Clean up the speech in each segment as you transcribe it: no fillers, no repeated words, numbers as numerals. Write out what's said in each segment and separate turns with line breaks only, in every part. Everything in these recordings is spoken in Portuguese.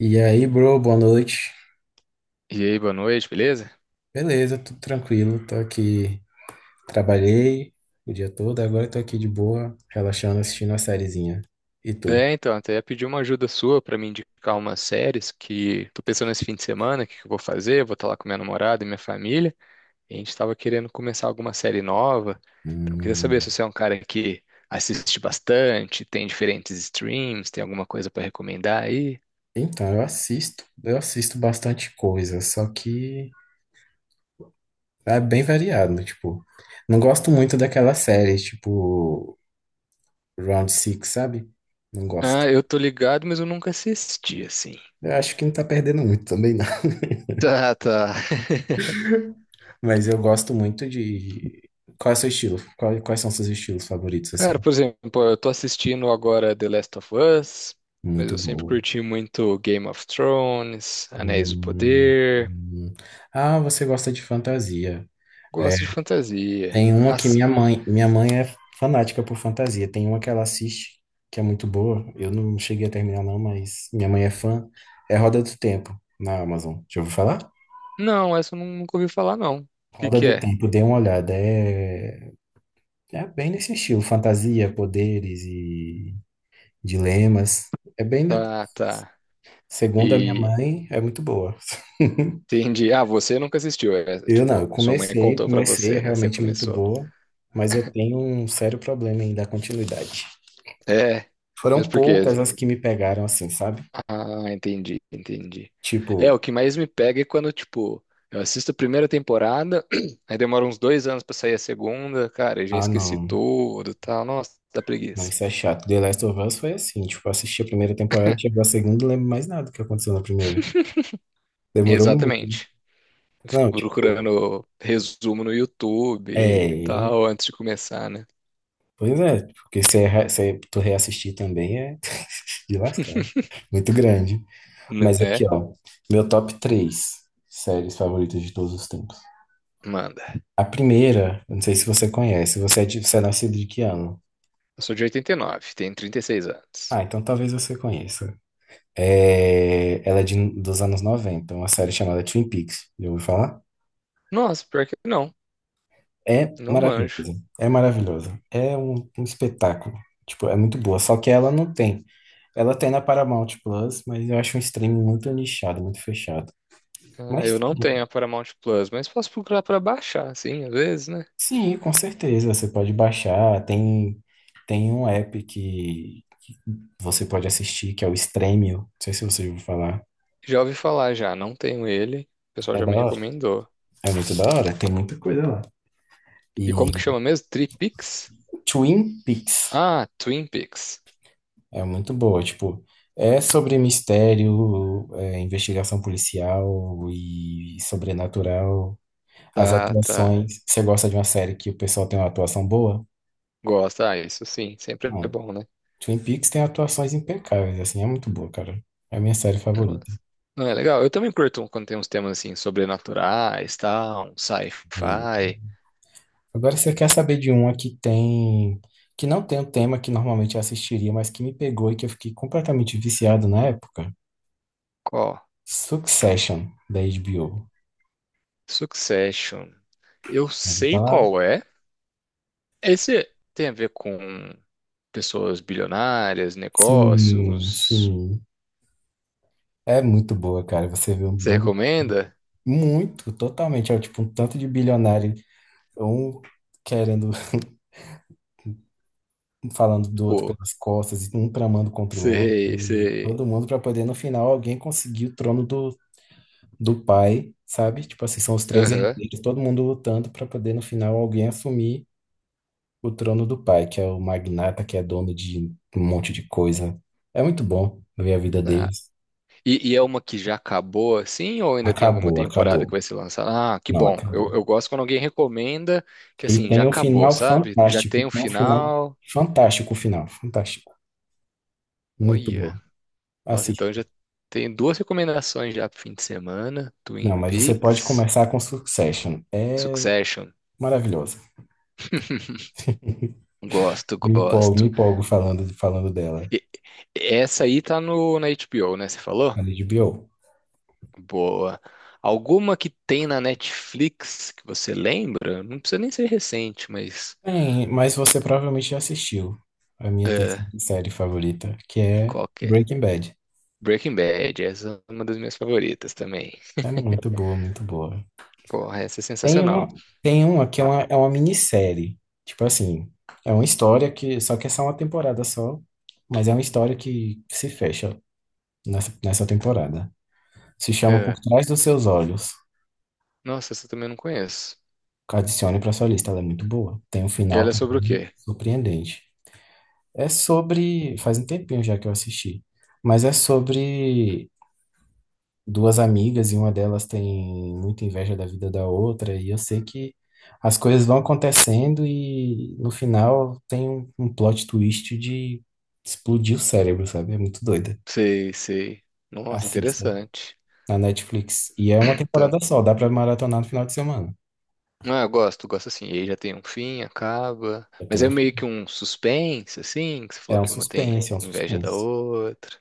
E aí, bro, boa noite.
E aí, boa noite, beleza?
Beleza, tudo tranquilo. Tô aqui, trabalhei o dia todo, agora tô aqui de boa, relaxando, assistindo uma sériezinha. E tu?
É, então, até ia pedir uma ajuda sua pra me indicar umas séries que tô pensando nesse fim de semana, o que que eu vou fazer, eu vou estar lá com minha namorada e minha família, e a gente tava querendo começar alguma série nova, então eu queria saber
Hum.
se você é um cara que assiste bastante, tem diferentes streams, tem alguma coisa pra recomendar aí?
Então, eu assisto bastante coisa, só que é bem variado, né, tipo, não gosto muito daquela série, tipo, Round Six, sabe? Não gosto.
Ah, eu tô ligado, mas eu nunca assisti, assim.
Eu acho que não tá perdendo muito também, não.
Tá, tá.
Mas eu gosto muito de... Qual é o seu estilo? Quais são seus estilos favoritos,
Cara,
assim?
por exemplo, eu tô assistindo agora The Last of Us, mas eu
Muito
sempre
bom.
curti muito Game of Thrones, Anéis do
Hum,
Poder,
hum. Ah, você gosta de fantasia. É,
gosto de fantasia.
tem uma que minha mãe é fanática por fantasia. Tem uma que ela assiste, que é muito boa. Eu não cheguei a terminar não, mas minha mãe é fã. É Roda do Tempo, na Amazon. Já ouviu falar?
Não, essa eu nunca ouvi falar, não. O que
Roda
que
do
é?
Tempo, dê uma olhada. É, é bem nesse estilo, fantasia, poderes e dilemas. É bem,
Tá, tá.
segundo a minha
E
mãe, é muito boa.
entendi. Ah, você nunca assistiu,
Eu não, eu
tipo, sua mãe
comecei,
contou pra
comecei, é
você, né? Você
realmente muito
começou.
boa, mas eu tenho um sério problema em dar continuidade.
É, mas
Foram
por quê?
poucas as que me pegaram assim, sabe?
Ah, entendi, entendi. É, o
Tipo,
que mais me pega é quando, tipo, eu assisto a primeira temporada, aí demora uns 2 anos pra sair a segunda, cara, eu já
ah
esqueci
não,
tudo e tal. Nossa, dá
não,
preguiça.
isso é chato. The Last of Us foi assim, tipo, eu assisti a primeira temporada, chegou a segunda, não lembro mais nada do que aconteceu na primeira. Demorou muito, né?
Exatamente. Eu fico
Não, tipo,
procurando resumo no YouTube e
é.
tal, antes de começar, né?
Pois é, porque se, tu reassistir também é de lascar. Muito grande. Mas aqui,
Né?
ó, meu top três séries favoritas de todos os tempos.
Manda.
A primeira, eu não sei se você conhece, você é nascido de que ano?
Eu sou de 89, tenho 36 anos.
Ah, então talvez você conheça. É, ela é de, dos anos 90, uma série chamada Twin Peaks, já ouviu falar?
Nossa, pior que não,
É
não manjo.
maravilhosa, é maravilhosa, é um espetáculo, tipo, é muito boa, só que ela não tem. Ela tem na Paramount Plus, mas eu acho um streaming muito nichado, muito fechado.
Ah,
Mas
eu não tenho
tem,
a Paramount Plus, mas posso procurar pra baixar, assim, às vezes, né?
sim, com certeza, você pode baixar, tem, tem um app que você pode assistir, que é o Stremio, não sei se você ouviu falar.
Já ouvi falar já, não tenho ele. O pessoal
É
já
da
me
hora.
recomendou.
É muito da hora. Tem muita coisa lá.
E
E
como que chama mesmo? Tripix?
Twin Peaks
Ah, Twin Peaks.
é muito boa. Tipo, é sobre mistério, é, investigação policial e sobrenatural. As
Tá, tá.
atuações. Você gosta de uma série que o pessoal tem uma atuação boa?
Gosta, ah, isso sim, sempre é
Bom,
bom, né?
Twin Peaks tem atuações impecáveis. Assim, é muito boa, cara. É a minha série favorita.
Mas- Não, é legal. Eu também curto um, quando tem uns temas assim, sobrenaturais, tal, um
E
sci-fi.
agora você quer saber de uma que tem. Que não tem o tema que normalmente eu assistiria, mas que me pegou e que eu fiquei completamente viciado na época.
Qual?
Succession, da HBO.
Succession. Eu
Eu vou
sei
falar?
qual é. Esse tem a ver com pessoas bilionárias,
Sim,
negócios.
sim. É muito boa, cara. Você vê um
Você
bando
recomenda?
muito, totalmente, é tipo um tanto de bilionário, um querendo, falando do outro
Pô,
pelas costas, e um tramando contra o outro,
sei,
e
sei.
todo mundo pra poder, no final, alguém conseguir o trono do, do pai, sabe? Tipo assim, são os três
Aham.
herdeiros, todo mundo lutando pra poder, no final, alguém assumir o trono do pai, que é o magnata, que é dono de um monte de coisa. É muito bom ver a vida
Tá.
deles.
E é uma que já acabou assim, ou ainda tem alguma
Acabou,
temporada que
acabou.
vai ser lançada? Ah, que
Não,
bom. Eu,
acabou.
eu gosto quando alguém recomenda que
E
assim, já
tem um
acabou,
final
sabe? Já
fantástico. E
tem um
tem um final
final.
fantástico, o final. Fantástico. Muito
Olha.
bom.
Nossa, então
Assista.
eu já tenho duas recomendações já pro fim de semana:
Não,
Twin
mas você pode
Peaks,
começar com Succession. É
Succession.
maravilhosa.
Gosto,
Me empolgo, me
gosto.
empolgo falando, falando dela.
E- Essa aí tá no, na HBO, né? Você falou?
Ali de HBO.
Boa. Alguma que tem na Netflix que você lembra? Não precisa nem ser recente, mas.
Bem, mas você provavelmente já assistiu a minha terceira série favorita, que é
Qualquer.
Breaking Bad.
Breaking Bad, essa é uma das minhas favoritas também.
É muito boa, muito boa.
Porra, essa é
Tem
sensacional.
uma, tem uma que é uma minissérie. Tipo assim, é uma história que. Só que é só uma temporada só. Mas é uma história que se fecha nessa temporada. Se chama Por
É.
Trás dos Seus Olhos.
Nossa, essa eu também não conheço.
Adicione pra sua lista, ela é muito boa. Tem um
E
final
ela é sobre o
também
quê?
surpreendente. É sobre. Faz um tempinho já que eu assisti. Mas é sobre duas amigas e uma delas tem muita inveja da vida da outra, e eu sei que as coisas vão acontecendo e no final tem um plot twist de explodir o cérebro, sabe? É muito doida.
Sei, sei. Nossa,
Assista
interessante.
na Netflix. E é uma
Então,
temporada só, dá pra maratonar no final de semana.
ah, eu gosto, gosto assim. E aí já tem um fim, acaba.
Eu
Mas é
tenho,
meio que um suspense, assim, que você falou
é um
que uma tem
suspense, é um
inveja da
suspense.
outra.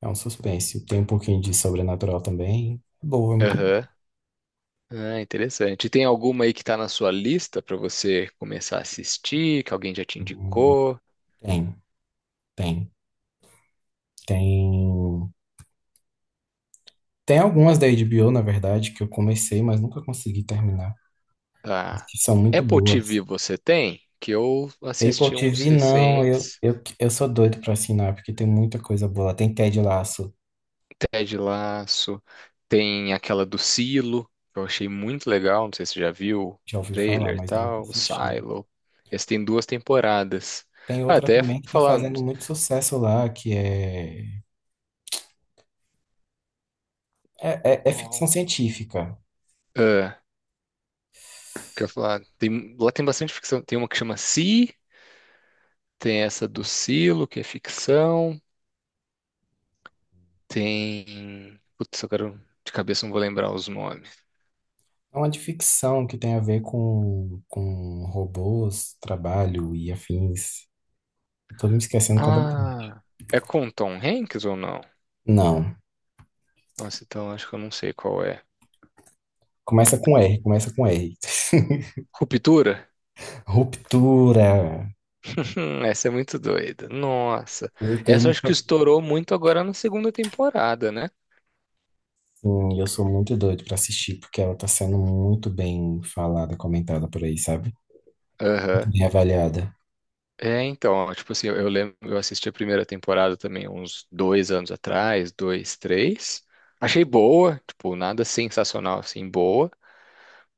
É um suspense. Tem um pouquinho de sobrenatural também. É boa, é muito
Aham. Ah, interessante. E tem alguma aí que tá na sua lista pra você começar a assistir, que alguém já te
boa.
indicou?
Tem, tem. Tem. Tem algumas da HBO, na verdade, que eu comecei, mas nunca consegui terminar,
Ah,
que são muito
Apple
boas.
TV você tem? Que eu
Apple
assisti uns
TV, não, eu,
recentes,
eu, eu sou doido pra assinar, porque tem muita coisa boa. Tem Ted Lasso,
Ted Lasso, tem aquela do Silo, que eu achei muito legal, não sei se você já viu, o
já ouvi falar,
trailer e
mas nunca
tal, o
assisti.
Silo. Esse tem duas temporadas.
Tem
Ah,
outra
até
também que tá
falar,
fazendo muito sucesso lá, que é, é ficção
qual-
científica.
ah, quer falar, tem, lá tem bastante ficção, tem uma que chama Si, tem essa do Silo, que é ficção, tem, putz, eu quero, de cabeça não vou lembrar os nomes.
É uma de ficção que tem a ver com robôs, trabalho e afins. Eu tô me esquecendo completamente.
Ah, é com Tom Hanks ou não?
Não,
Nossa, então acho que eu não sei qual é.
começa com R.
Ruptura?
Ruptura.
Essa é muito doida. Nossa.
Eu tenho
Essa eu acho que
muito,
estourou muito agora na segunda temporada, né?
assim, eu sou muito doido pra assistir, porque ela tá sendo muito bem falada, comentada por aí, sabe? Muito
Aham.
bem avaliada.
É, então, ó, tipo assim, eu lembro, eu assisti a primeira temporada também uns 2 anos atrás, dois, três. Achei boa, tipo, nada sensacional assim, boa.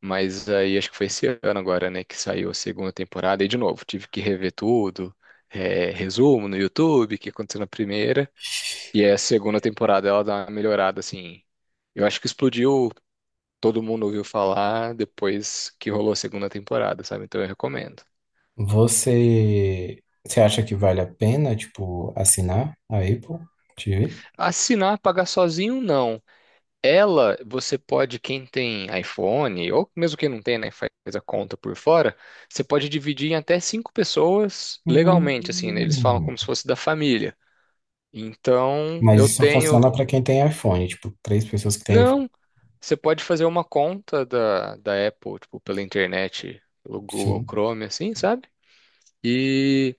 Mas aí acho que foi esse ano agora, né, que saiu a segunda temporada. E de novo, tive que rever tudo, é, resumo no YouTube, o que aconteceu na primeira. E aí a segunda temporada ela dá uma melhorada, assim. Eu acho que explodiu, todo mundo ouviu falar depois que rolou a segunda temporada, sabe? Então eu recomendo.
Você acha que vale a pena, tipo, assinar a Apple TV?
Assinar, pagar sozinho, não. Ela, você pode, quem tem iPhone, ou mesmo quem não tem, né, faz a conta por fora, você pode dividir em até cinco pessoas legalmente, assim, né? Eles falam como se
Hum,
fosse da família. Então,
mas
eu
isso só
tenho.
funciona pra quem tem iPhone, tipo, três pessoas que têm iPhone.
Não, você pode fazer uma conta da Apple, tipo, pela internet, pelo Google
Sim,
Chrome, assim, sabe? E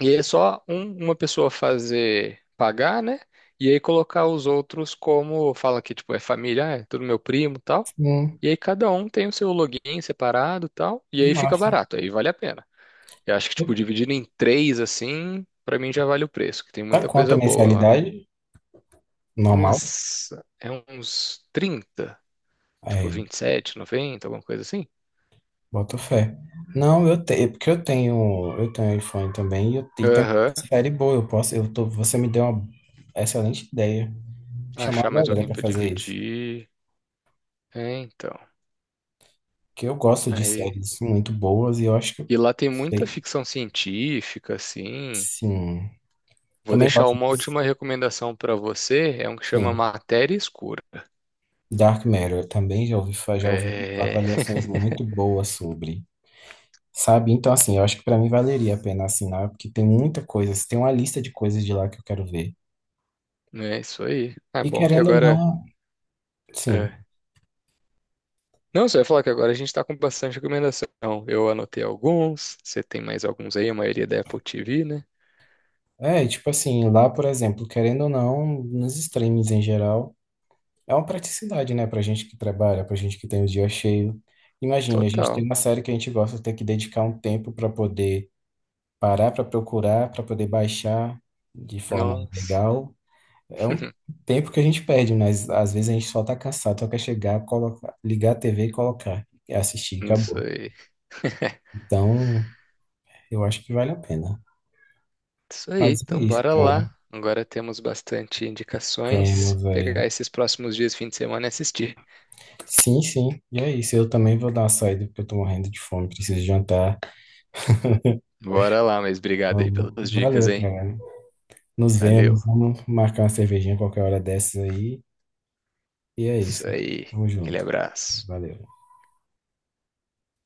E é só uma pessoa fazer pagar, né? E aí colocar os outros como fala que tipo é família, ah, é tudo meu primo, e tal.
sim,
E aí cada um tem o seu login separado, e tal. E
que
aí fica
massa.
barato, aí vale a pena. Eu acho que tipo dividido em três assim, pra mim já vale o preço, que tem
Tá
muita
quanto a
coisa boa lá.
mensalidade normal?
Nossa, é uns 30, tipo
É,
27,90, alguma coisa assim.
boto fé. Não, eu tenho, porque eu tenho iPhone também e, eu, e tem uma
Aham.
série boa. Eu posso, eu tô, você me deu uma excelente ideia. Chamar a
Achar mais
galera
alguém
para
pra
fazer isso.
dividir. É, então.
Porque eu gosto de
Aí.
séries muito boas e eu acho que eu
E lá tem muita
sei,
ficção científica, assim.
sim.
Vou
Também
deixar
gosto
uma
de,
última recomendação pra você, é um que chama
sim,
Matéria Escura.
Dark Matter. Eu também já ouvi, já ouvi
É,
avaliações muito boas sobre. Sabe? Então, assim, eu acho que para mim valeria a pena assinar, porque tem muita coisa, tem uma lista de coisas de lá que eu quero ver.
não é isso aí. Ah,
E
bom, que
querendo ou
agora.
não, sim.
É. Não, você vai falar que agora a gente tá com bastante recomendação. Eu anotei alguns, você tem mais alguns aí, a maioria é da Apple TV, né?
É, e tipo assim, lá, por exemplo, querendo ou não, nos streams em geral, é uma praticidade, né, pra gente que trabalha, pra gente que tem o dia cheio. Imagine, a gente tem
Total.
uma série que a gente gosta de ter que dedicar um tempo pra poder parar, pra procurar, pra poder baixar de forma
Nossa.
legal. É um tempo que a gente perde, mas às vezes a gente só tá cansado, só quer chegar, colocar, ligar a TV e colocar, e assistir,
Isso
acabou.
aí.
Então, eu acho que vale a pena.
Isso aí,
Mas é
então
isso,
bora
cara.
lá. Agora temos bastante
Tema,
indicações.
velho.
Pegar esses próximos dias, fim de semana e assistir.
Sim, sim. E é isso. Eu também vou dar uma saída, porque eu tô morrendo de fome, preciso jantar.
Bora lá, mas obrigado aí
Vamos.
pelas dicas,
Valeu,
hein?
cara. Nos
Valeu.
vemos. Vamos marcar uma cervejinha qualquer hora dessas aí. E é
Isso
isso.
aí.
Tamo
Aquele
junto.
abraço.
Valeu.